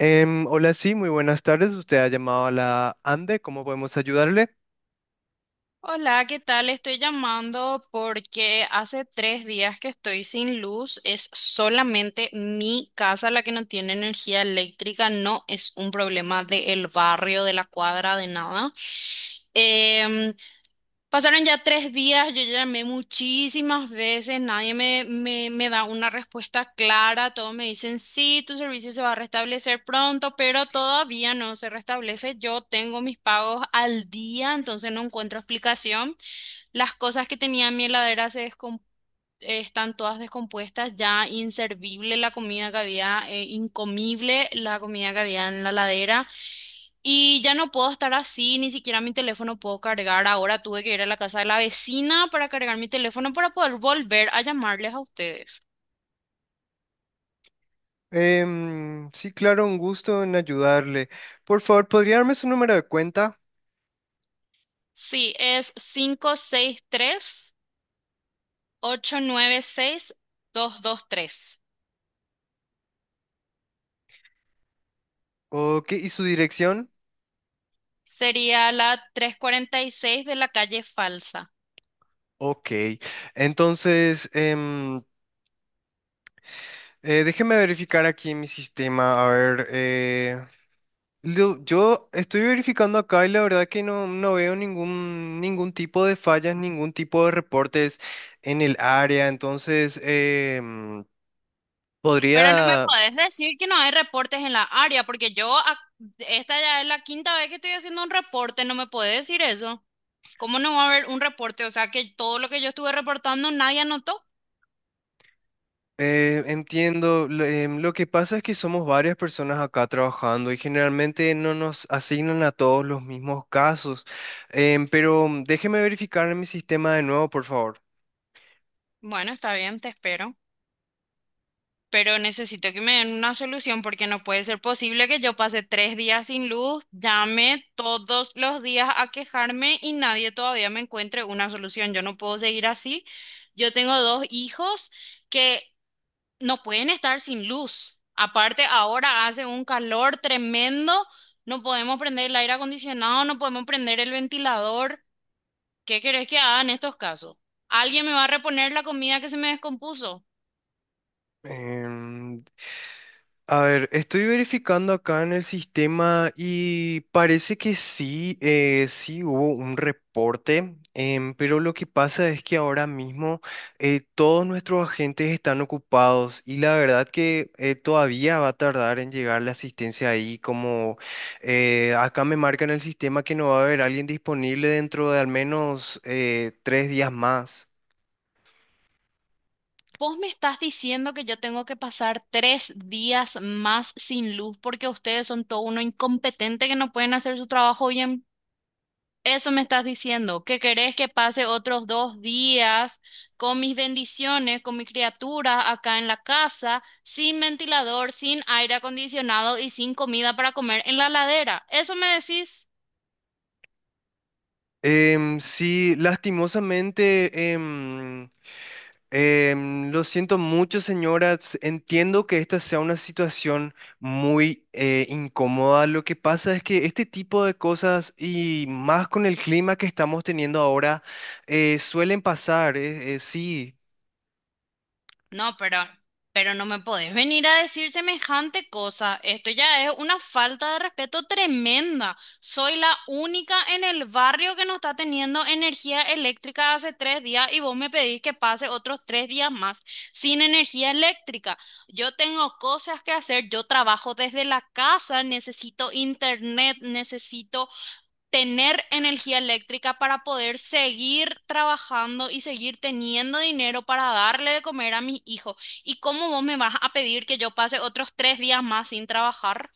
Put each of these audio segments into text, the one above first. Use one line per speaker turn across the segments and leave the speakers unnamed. Hola, sí, muy buenas tardes. Usted ha llamado a la ANDE. ¿Cómo podemos ayudarle?
Hola, ¿qué tal? Estoy llamando porque hace 3 días que estoy sin luz. Es solamente mi casa la que no tiene energía eléctrica. No es un problema del barrio, de la cuadra, de nada. Em, Pasaron ya 3 días, yo llamé muchísimas veces, nadie me da una respuesta clara. Todos me dicen, sí, tu servicio se va a restablecer pronto, pero todavía no se restablece. Yo tengo mis pagos al día, entonces no encuentro explicación. Las cosas que tenía en mi heladera están todas descompuestas, ya inservible la comida que había, incomible la comida que había en la heladera. Y ya no puedo estar así, ni siquiera mi teléfono puedo cargar. Ahora tuve que ir a la casa de la vecina para cargar mi teléfono para poder volver a llamarles a ustedes.
Sí, claro, un gusto en ayudarle. Por favor, ¿podría darme su número de cuenta?
Sí, es 5663896223.
Ok, ¿y su dirección?
Sería la 346 de la calle Falsa.
Ok. Entonces, déjeme verificar aquí en mi sistema. A ver, yo estoy verificando acá y la verdad que no veo ningún tipo de fallas, ningún tipo de reportes en el área. Entonces,
Pero no me
¿podría
podés decir que no hay reportes en la área, porque yo, esta ya es la quinta vez que estoy haciendo un reporte, no me podés decir eso. ¿Cómo no va a haber un reporte? O sea, que todo lo que yo estuve reportando nadie anotó.
Entiendo, lo que pasa es que somos varias personas acá trabajando y generalmente no nos asignan a todos los mismos casos. Pero déjeme verificar en mi sistema de nuevo, por favor.
Bueno, está bien, te espero, pero necesito que me den una solución porque no puede ser posible que yo pase 3 días sin luz, llame todos los días a quejarme y nadie todavía me encuentre una solución. Yo no puedo seguir así. Yo tengo dos hijos que no pueden estar sin luz. Aparte, ahora hace un calor tremendo, no podemos prender el aire acondicionado, no podemos prender el ventilador. ¿Qué querés que haga en estos casos? ¿Alguien me va a reponer la comida que se me descompuso?
Em, A ver, estoy verificando acá en el sistema y parece que sí, sí hubo un reporte, pero lo que pasa es que ahora mismo todos nuestros agentes están ocupados y la verdad que todavía va a tardar en llegar la asistencia ahí, como acá me marca en el sistema que no va a haber alguien disponible dentro de al menos tres días más.
Vos me estás diciendo que yo tengo que pasar 3 días más sin luz porque ustedes son todo uno incompetente que no pueden hacer su trabajo bien. Eso me estás diciendo, que querés que pase otros 2 días con mis bendiciones, con mi criatura acá en la casa, sin ventilador, sin aire acondicionado y sin comida para comer en la ladera. ¿Eso me decís?
Sí, lastimosamente, lo siento mucho, señoras. Entiendo que esta sea una situación muy incómoda. Lo que pasa es que este tipo de cosas, y más con el clima que estamos teniendo ahora, suelen pasar. Sí.
No, pero no me podés venir a decir semejante cosa. Esto ya es una falta de respeto tremenda. Soy la única en el barrio que no está teniendo energía eléctrica hace 3 días y vos me pedís que pase otros 3 días más sin energía eléctrica. Yo tengo cosas que hacer, yo trabajo desde la casa, necesito internet, necesito tener energía eléctrica para poder seguir trabajando y seguir teniendo dinero para darle de comer a mis hijos. ¿Y cómo vos me vas a pedir que yo pase otros 3 días más sin trabajar?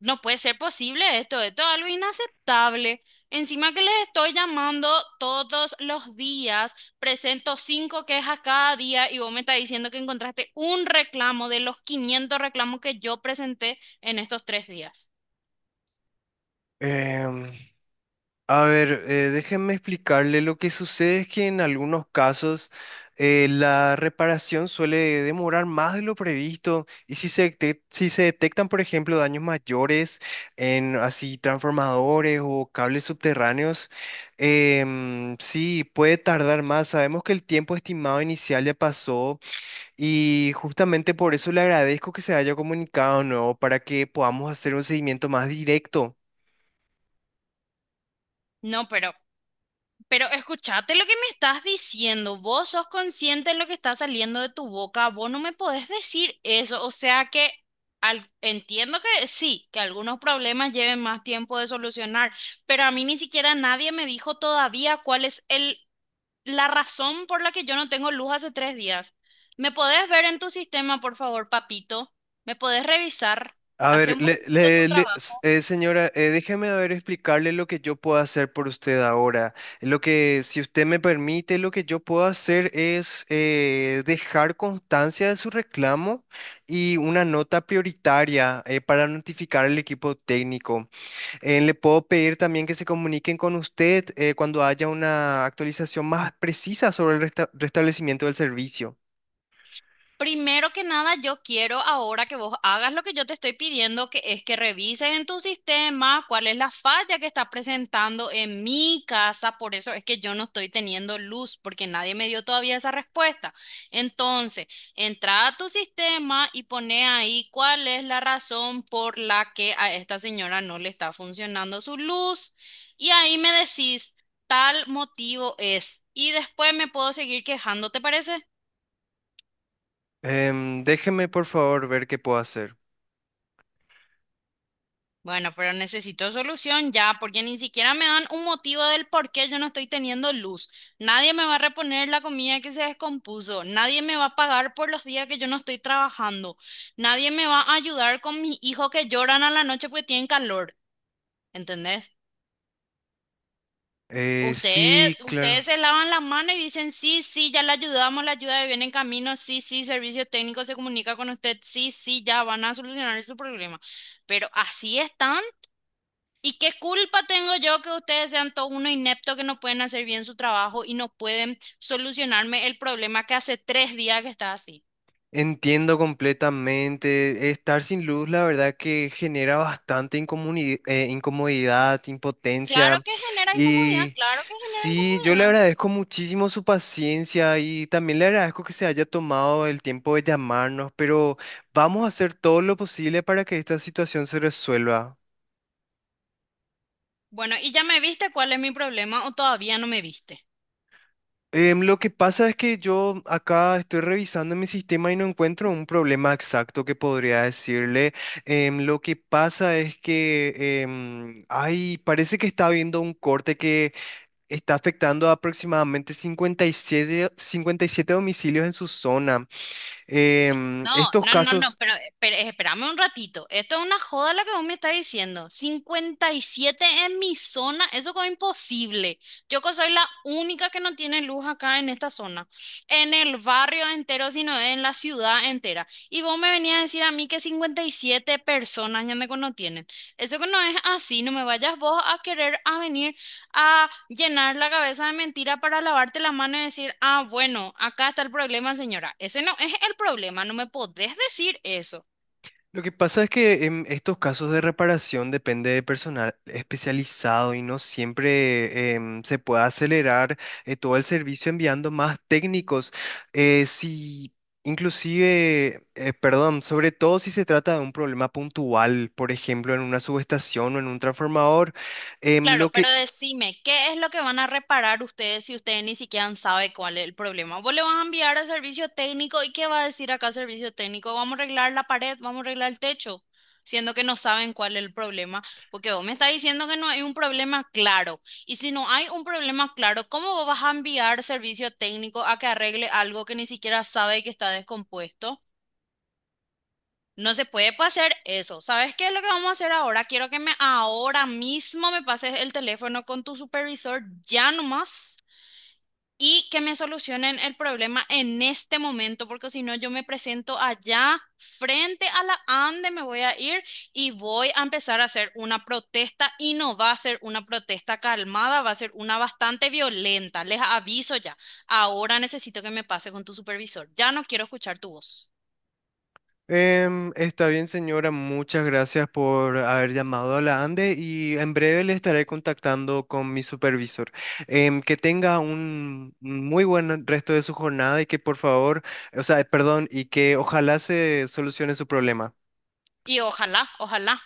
No puede ser posible esto, esto es algo inaceptable. Encima que les estoy llamando todos los días, presento cinco quejas cada día y vos me estás diciendo que encontraste un reclamo de los 500 reclamos que yo presenté en estos 3 días.
em, A ver, déjenme explicarle. Lo que sucede es que en algunos casos la reparación suele demorar más de lo previsto y si se detectan, por ejemplo, daños mayores en así transformadores o cables subterráneos, sí, puede tardar más. Sabemos que el tiempo estimado inicial ya pasó y justamente por eso le agradezco que se haya comunicado, ¿no? Para que podamos hacer un seguimiento más directo.
No, pero escuchate lo que me estás diciendo. Vos sos consciente de lo que está saliendo de tu boca. Vos no me podés decir eso. O sea que entiendo que sí, que algunos problemas lleven más tiempo de solucionar, pero a mí ni siquiera nadie me dijo todavía cuál es el, la razón por la que yo no tengo luz hace 3 días. ¿Me podés ver en tu sistema, por favor, papito? ¿Me podés revisar?
A
Hace
ver,
un poquito tu trabajo.
señora, déjeme a ver explicarle lo que yo puedo hacer por usted ahora. Lo que, si usted me permite, lo que yo puedo hacer es dejar constancia de su reclamo y una nota prioritaria para notificar al equipo técnico. Le puedo pedir también que se comuniquen con usted cuando haya una actualización más precisa sobre el restablecimiento del servicio.
Primero que nada, yo quiero ahora que vos hagas lo que yo te estoy pidiendo, que es que revises en tu sistema cuál es la falla que está presentando en mi casa. Por eso es que yo no estoy teniendo luz, porque nadie me dio todavía esa respuesta. Entonces, entra a tu sistema y pone ahí cuál es la razón por la que a esta señora no le está funcionando su luz. Y ahí me decís, tal motivo es. Y después me puedo seguir quejando, ¿te parece?
Déjeme, por favor, ver qué puedo hacer.
Bueno, pero necesito solución ya, porque ni siquiera me dan un motivo del por qué yo no estoy teniendo luz. Nadie me va a reponer la comida que se descompuso. Nadie me va a pagar por los días que yo no estoy trabajando. Nadie me va a ayudar con mis hijos que lloran a la noche porque tienen calor. ¿Entendés? Ustedes,
Sí, claro.
ustedes se lavan las manos y dicen, sí, sí, ya la ayudamos, la ayuda viene en camino, sí, sí, servicio técnico se comunica con usted, sí, sí, ya van a solucionar su problema. Pero así están. ¿Y qué culpa tengo yo que ustedes sean todo uno inepto que no pueden hacer bien su trabajo y no pueden solucionarme el problema que hace 3 días que está así?
Entiendo completamente. Estar sin luz, la verdad que genera bastante incomodidad, impotencia.
Claro que genera incomodidad,
Y
claro que genera
sí, yo le
incomodidad.
agradezco muchísimo su paciencia y también le agradezco que se haya tomado el tiempo de llamarnos, pero vamos a hacer todo lo posible para que esta situación se resuelva.
Bueno, ¿y ya me viste cuál es mi problema o todavía no me viste?
Lo que pasa es que yo acá estoy revisando mi sistema y no encuentro un problema exacto que podría decirle. Lo que pasa es que, ay, parece que está habiendo un corte que está afectando a aproximadamente 57 domicilios en su zona.
No,
Estos
no, no, no,
casos...
pero espérame un ratito. Esto es una joda lo que vos me estás diciendo. 57 en mi zona, eso es imposible. Yo que soy la única que no tiene luz acá en esta zona, en el barrio entero, sino en la ciudad entera. Y vos me venías a decir a mí que 57 personas ya no tienen. Eso que no es así, no me vayas vos a querer a venir a llenar la cabeza de mentira para lavarte la mano y decir, ah, bueno, acá está el problema, señora. Ese no es el problema, no me podés decir eso.
Lo que pasa es que en estos casos de reparación depende de personal especializado y no siempre se puede acelerar todo el servicio enviando más técnicos. Si, inclusive, perdón, sobre todo si se trata de un problema puntual, por ejemplo, en una subestación o en un transformador, em,
Claro,
lo
pero
que
decime, ¿qué es lo que van a reparar ustedes si ustedes ni siquiera saben cuál es el problema? ¿Vos le vas a enviar al servicio técnico y qué va a decir acá el servicio técnico? Vamos a arreglar la pared, vamos a arreglar el techo, siendo que no saben cuál es el problema, porque vos me estás diciendo que no hay un problema claro. Y si no hay un problema claro, ¿cómo vos vas a enviar servicio técnico a que arregle algo que ni siquiera sabe que está descompuesto? No se puede pasar eso. ¿Sabes qué es lo que vamos a hacer ahora? Quiero que me ahora mismo me pases el teléfono con tu supervisor ya nomás y que me solucionen el problema en este momento, porque si no yo me presento allá frente a la ANDE, me voy a ir y voy a empezar a hacer una protesta y no va a ser una protesta calmada, va a ser una bastante violenta. Les aviso ya. Ahora necesito que me pases con tu supervisor. Ya no quiero escuchar tu voz.
Está bien, señora. Muchas gracias por haber llamado a la ANDE y en breve le estaré contactando con mi supervisor. Que tenga un muy buen resto de su jornada y que por favor, y que ojalá se solucione su problema.
Y ojalá, ojalá.